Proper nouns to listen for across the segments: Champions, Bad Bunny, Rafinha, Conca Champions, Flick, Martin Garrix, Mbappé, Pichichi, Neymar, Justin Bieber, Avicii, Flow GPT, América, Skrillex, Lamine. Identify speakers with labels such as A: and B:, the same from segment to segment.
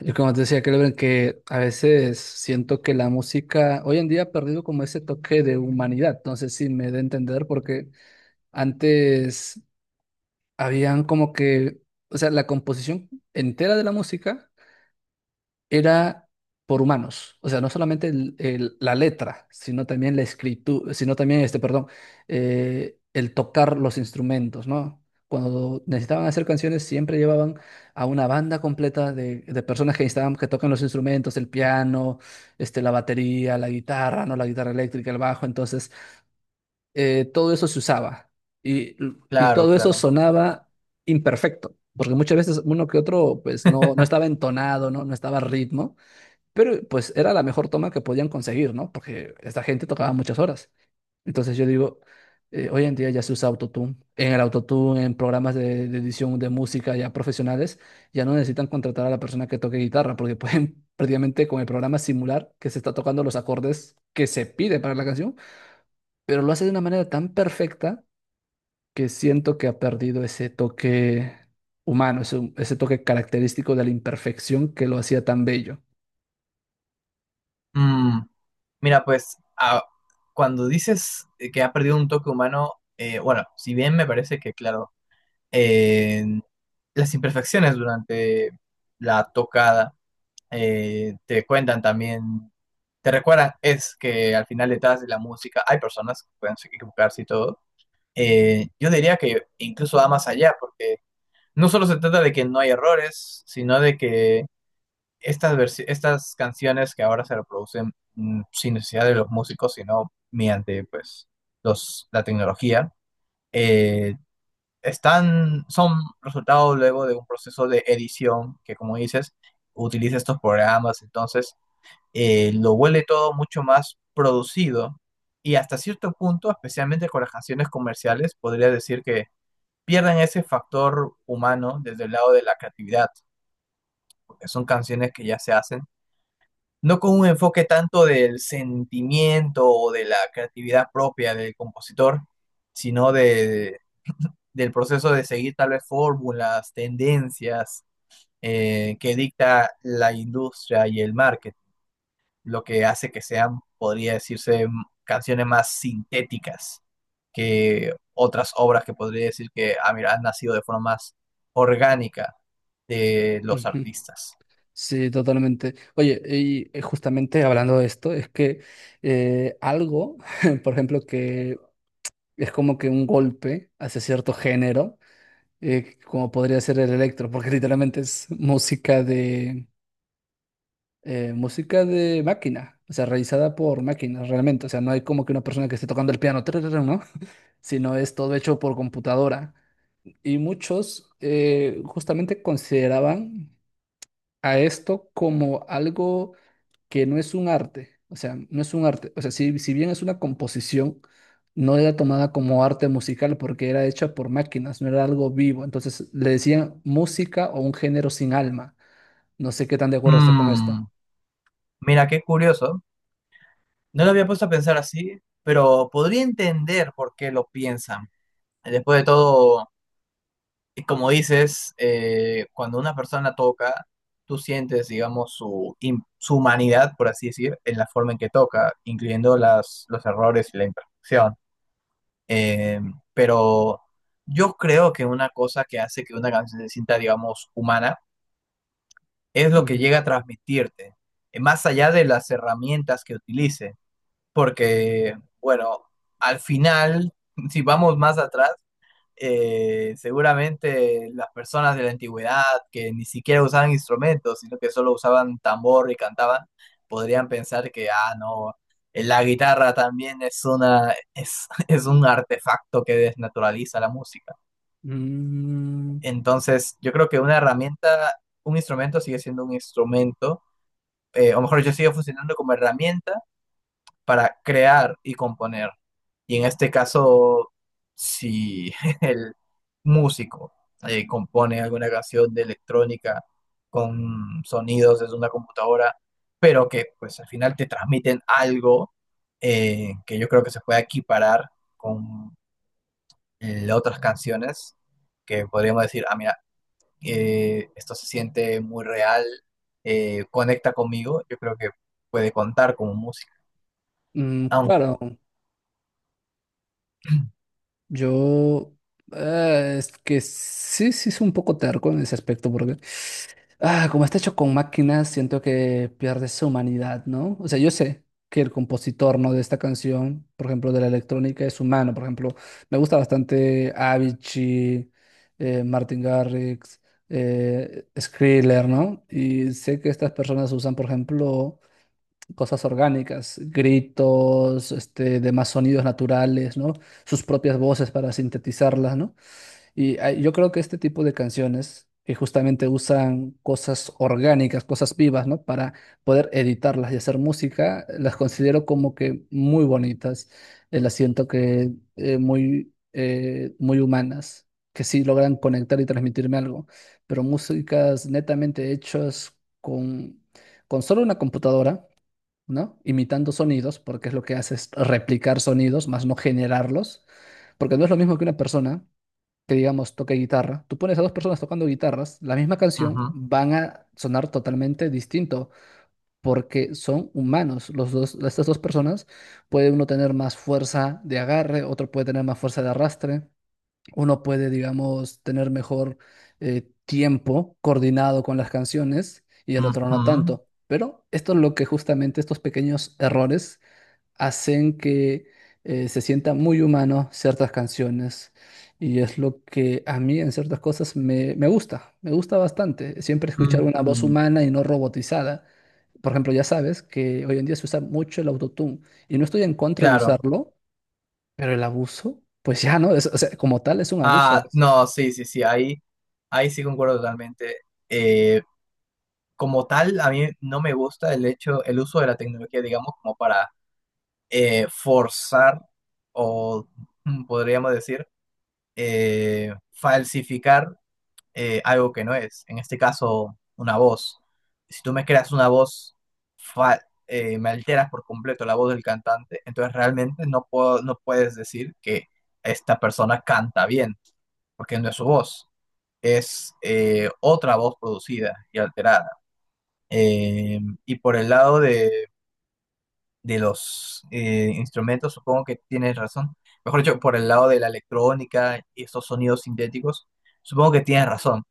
A: Yo como te decía, creo que a veces siento que la música hoy en día ha perdido como ese toque de humanidad. No sé si me da a entender porque antes habían como que, o sea, la composición entera de la música era por humanos. O sea, no solamente la letra, sino también la escritura, sino también este, perdón, el tocar los instrumentos, ¿no? Cuando necesitaban hacer canciones, siempre llevaban a una banda completa de personas que necesitaban que toquen los instrumentos, el piano, este, la batería, la guitarra, ¿no? La guitarra eléctrica, el bajo. Entonces, todo eso se usaba y, y
B: Claro,
A: todo eso
B: claro.
A: sonaba imperfecto. Porque muchas veces uno que otro, pues no estaba entonado, ¿no? No estaba a ritmo. Pero pues era la mejor toma que podían conseguir, ¿no? Porque esta gente tocaba muchas horas. Entonces yo digo, hoy en día ya se usa autotune. En el autotune, en programas de edición de música ya profesionales, ya no necesitan contratar a la persona que toque guitarra, porque pueden prácticamente con el programa simular que se está tocando los acordes que se pide para la canción, pero lo hace de una manera tan perfecta que siento que ha perdido ese toque humano, ese toque característico de la imperfección que lo hacía tan bello.
B: Mm, mira, pues cuando dices que ha perdido un toque humano, bueno, si bien me parece que, claro, eh, las imperfecciones durante la tocada te cuentan también, te recuerdan, es que al final detrás de la música hay personas que pueden equivocarse y todo. Yo diría que incluso va más allá, porque no solo se trata de que no hay errores, sino de que estas canciones que ahora se reproducen sin necesidad de los músicos, sino mediante pues, la tecnología, eh, están, son resultado luego de un proceso de edición que, como dices, utiliza estos programas, entonces lo vuelve todo mucho más producido y hasta cierto punto, especialmente con las canciones comerciales, podría decir que pierden ese factor humano desde el lado de la creatividad, porque son canciones que ya se hacen no con un enfoque tanto del sentimiento o de la creatividad propia del compositor, sino de, del proceso de seguir tal vez fórmulas, tendencias que dicta la industria y el market, lo que hace que sean, podría decirse, canciones más sintéticas que otras obras que podría decir que ah, mira, han nacido de forma más orgánica de los
A: Ujú.
B: artistas.
A: Sí, totalmente. Oye, y justamente hablando de esto, es que eh, algo, por ejemplo, que es como que un golpe hacia cierto género, como podría ser el electro, porque literalmente es música de máquina, o sea, realizada por máquinas realmente. O sea, no hay como que una persona que esté tocando el piano, tararara, ¿no? Sino es todo hecho por computadora. Y muchos justamente consideraban a esto como algo que no es un arte, o sea, no es un arte, o sea, si bien es una composición, no era tomada como arte musical porque era hecha por máquinas, no era algo vivo, entonces le decían música o un género sin alma. No sé qué tan de acuerdo estés con esto.
B: Mm, mira, qué curioso. No lo había puesto a pensar así, pero podría entender por qué lo piensan. Después de todo, y como dices, cuando una persona toca, tú sientes, digamos, su humanidad, por así decir, en la forma en que toca, incluyendo las, los errores y la imperfección. Eh, pero yo creo que una cosa que hace que una canción se sienta, digamos, humana es lo que
A: Ujú.
B: llega a transmitirte, más allá de las herramientas que utilice. Porque, bueno, al final, si vamos más atrás, seguramente las personas de la antigüedad que ni siquiera usaban instrumentos, sino que solo usaban tambor y cantaban, podrían pensar que, ah, no, la guitarra también es una, es, es un artefacto que desnaturaliza la música.
A: Mm,
B: Entonces, yo creo que una herramienta, un instrumento sigue siendo un instrumento, o mejor yo sigue funcionando como herramienta para crear y componer. Y en este caso, si el músico compone alguna canción de electrónica con sonidos desde una computadora, pero que pues al final te transmiten algo que yo creo que se puede equiparar con otras canciones que podríamos decir, ah, mira, esto se siente muy real, conecta conmigo, yo creo que puede contar como música.
A: mm,
B: Aunque.
A: claro, yo es que sí, sí es un poco terco en ese aspecto porque, ah, como está hecho con máquinas, siento que pierde su humanidad, ¿no? O sea, yo sé que el compositor, ¿no? de esta canción, por ejemplo, de la electrónica, es humano. Por ejemplo, me gusta bastante Avicii, Martin Garrix, Skrillex, ¿no? Y sé que estas personas usan, por ejemplo, cosas orgánicas, gritos, este, demás sonidos naturales, ¿no? Sus propias voces para sintetizarlas, ¿no? Y ah, yo creo que este tipo de canciones que justamente usan cosas orgánicas, cosas vivas, ¿no? Para poder editarlas y hacer música, las considero como que muy bonitas. Las siento que muy humanas, que sí logran conectar y transmitirme algo. Pero músicas netamente hechas con solo una computadora, ¿no? Imitando sonidos, porque es lo que hace es replicar sonidos, más no generarlos. Porque no es lo mismo que una persona que digamos toque guitarra, tú pones a dos personas tocando guitarras, la misma canción van a sonar totalmente distinto porque son humanos. Los dos, estas dos personas, puede uno tener más fuerza de agarre, otro puede tener más fuerza de arrastre, uno puede, digamos, tener mejor tiempo coordinado con las canciones y el otro no
B: Ujú.
A: tanto. Pero esto es lo que justamente estos pequeños errores hacen que se sienta muy humano ciertas canciones y es lo que a mí en ciertas cosas me gusta bastante, siempre escuchar una voz
B: Mm,
A: humana y no robotizada. Por ejemplo, ya sabes que hoy en día se usa mucho el autotune y no estoy en contra de
B: claro.
A: usarlo, pero el abuso, pues ya no, o sea, como tal es un abuso a
B: Ah,
A: veces.
B: no, sí, sí, sí, ahí, ahí sí concuerdo totalmente. Eh, como tal, a mí no me gusta el hecho, el uso de la tecnología, digamos, como para forzar o podríamos decir falsificar algo que no es, en este caso una voz. Si tú me creas una voz, fa- me alteras por completo la voz del cantante, entonces realmente no puedo, no puedes decir que esta persona canta bien, porque no es su voz, es otra voz producida y alterada. Eh, y por el lado de los instrumentos, supongo que tienes razón. Mejor dicho, por el lado de la electrónica y estos sonidos sintéticos, supongo que tienes razón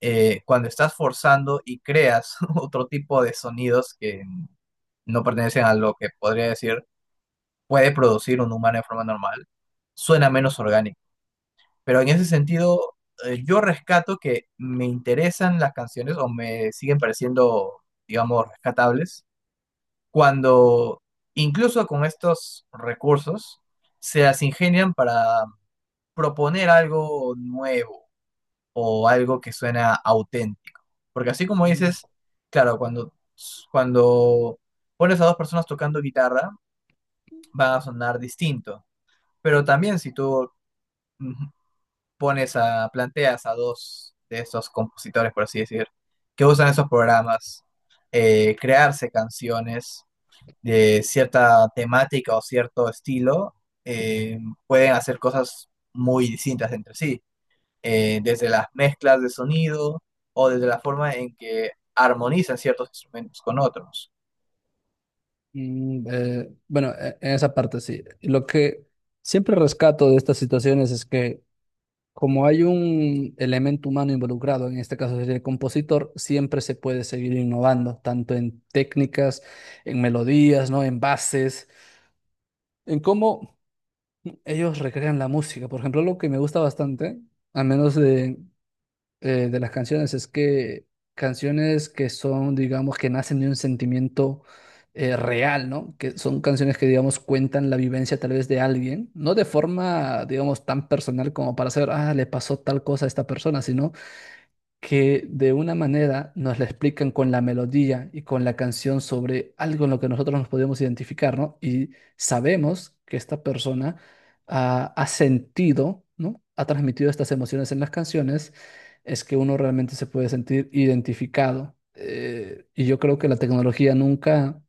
B: cuando estás forzando y creas otro tipo de sonidos que no pertenecen a lo que podría decir puede producir un humano de forma normal, suena menos orgánico. Pero en ese sentido, yo rescato que me interesan las canciones o me siguen pareciendo, digamos, rescatables, cuando incluso con estos recursos se las ingenian para proponer algo nuevo o algo que suena auténtico. Porque así como
A: Mm,
B: dices, claro, cuando pones a dos personas tocando guitarra, van a sonar distinto. Pero también si tú mm, pones a, planteas a dos de estos compositores, por así decir, que usan esos programas, crearse canciones de cierta temática o cierto estilo, eh, pueden hacer cosas muy distintas entre sí desde las mezclas de sonido o desde la forma en que armonizan ciertos instrumentos con otros.
A: mm, bueno, en esa parte sí. Lo que siempre rescato de estas situaciones es que como hay un elemento humano involucrado, en este caso sería el compositor, siempre se puede seguir innovando, tanto en técnicas, en melodías, ¿no? En bases, en cómo ellos recrean la música. Por ejemplo, lo que me gusta bastante, al menos de las canciones, es que canciones que son, digamos, que nacen de un sentimiento real, ¿no? Que son canciones que, digamos, cuentan la vivencia tal vez de alguien, no de forma, digamos, tan personal como para saber, ah, le pasó tal cosa a esta persona, sino que de una manera nos la explican con la melodía y con la canción sobre algo en lo que nosotros nos podemos identificar, ¿no? Y sabemos que esta persona ah, ha sentido, ¿no? Ha transmitido estas emociones en las canciones, es que uno realmente se puede sentir identificado. Y yo creo que la tecnología nunca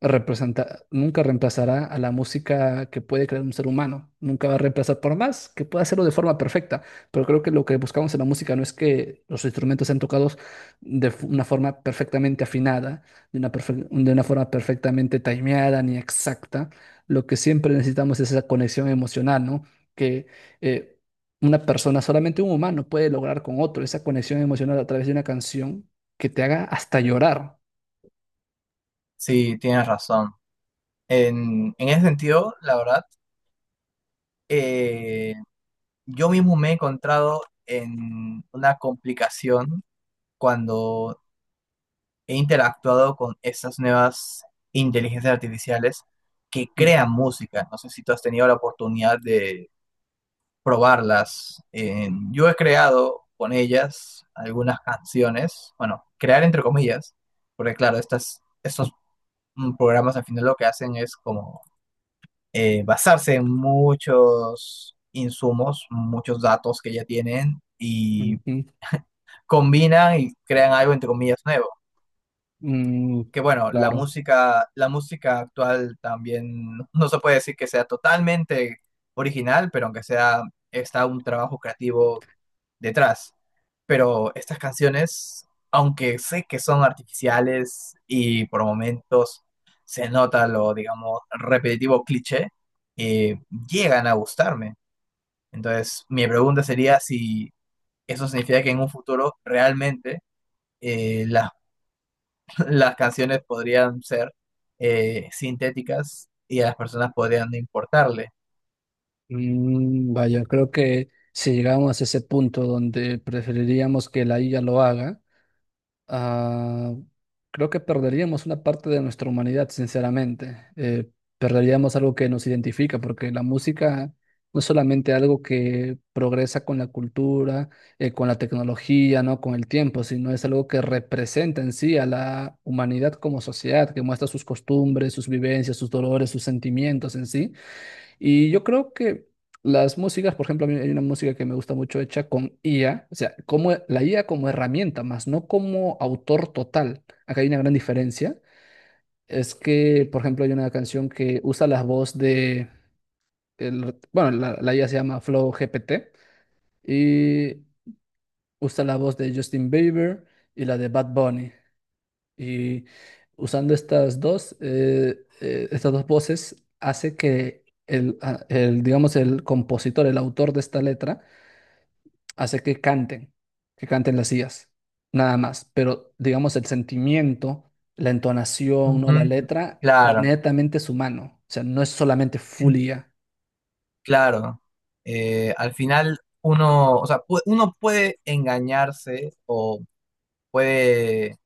A: representa, nunca reemplazará a la música que puede crear un ser humano. Nunca va a reemplazar por más que pueda hacerlo de forma perfecta. Pero creo que lo que buscamos en la música no es que los instrumentos sean tocados una forma perfectamente afinada, de una forma perfectamente timeada ni exacta. Lo que siempre necesitamos es esa conexión emocional, ¿no? Que eh, una persona, solamente un humano puede lograr con otro, esa conexión emocional a través de una canción que te haga hasta llorar.
B: Sí, tienes razón. En ese sentido, la verdad, eh, yo mismo me he encontrado en una complicación cuando he interactuado con estas nuevas inteligencias artificiales que crean música. No sé si tú has tenido la oportunidad de probarlas.
A: Mm.
B: Yo he creado con ellas algunas canciones, bueno, crear entre comillas, porque claro, estas, estos programas al final lo que hacen es como basarse en muchos insumos, muchos datos que ya tienen y
A: Ujú.
B: combinan y crean algo entre comillas nuevo.
A: Mm,
B: Que bueno,
A: claro.
B: la música actual también no se puede decir que sea totalmente original, pero aunque sea está un trabajo creativo detrás. Pero estas canciones, aunque sé que son artificiales y por momentos se nota lo, digamos, repetitivo cliché, eh, llegan a gustarme. Entonces, mi pregunta sería si eso significa que en un futuro realmente las, las canciones podrían ser sintéticas y a las personas podrían no importarle.
A: Mm, vaya, creo que si llegamos a ese punto donde preferiríamos que la IA lo haga, ah, creo que perderíamos una parte de nuestra humanidad, sinceramente. Perderíamos algo que nos identifica, porque la música no es solamente algo que progresa con la cultura, con la tecnología, ¿no? Con el tiempo, sino es algo que representa en sí a la humanidad como sociedad, que muestra sus costumbres, sus vivencias, sus dolores, sus sentimientos en sí. Y yo creo que las músicas, por ejemplo, a mí hay una música que me gusta mucho hecha con IA, o sea, como la IA como herramienta, más no como autor total. Acá hay una gran diferencia. Es que, por ejemplo, hay una canción que usa la voz de, bueno, la IA se llama Flow GPT y usa la voz de Justin Bieber y la de Bad Bunny. Y usando estas dos voces, hace que digamos, el compositor, el autor de esta letra, hace que canten las sillas, nada más. Pero, digamos, el sentimiento, la entonación, ¿no? La
B: Ujú.
A: letra,
B: Claro.
A: netamente es humano. O sea, no es solamente full IA.
B: Claro, al final uno, o sea, uno puede engañarse o puede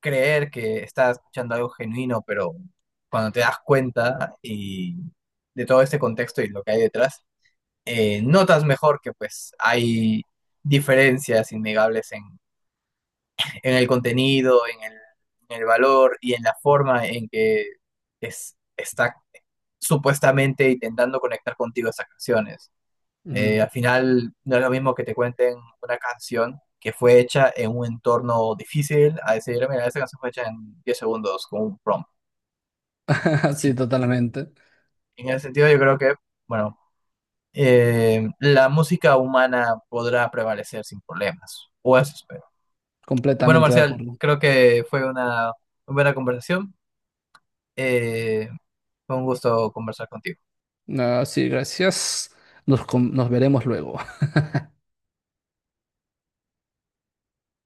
B: creer que está escuchando algo genuino, pero cuando te das cuenta y de todo este contexto y lo que hay detrás, notas mejor que pues hay diferencias innegables en el contenido, en el valor y en la forma en que es, está supuestamente intentando conectar contigo esas canciones.
A: Ujú.
B: Al final no es lo mismo que te cuenten una canción que fue hecha en un entorno difícil a decir, mira, esta canción fue hecha en 10 segundos con un prompt.
A: Sí,
B: Sí,
A: totalmente.
B: en ese sentido yo creo que, bueno, la música humana podrá prevalecer sin problemas, o eso espero. Bueno,
A: Completamente de
B: Marcial,
A: acuerdo.
B: creo que fue una, buena conversación. Eh, fue un gusto conversar contigo.
A: Ah, sí, gracias. Nos, nos veremos luego.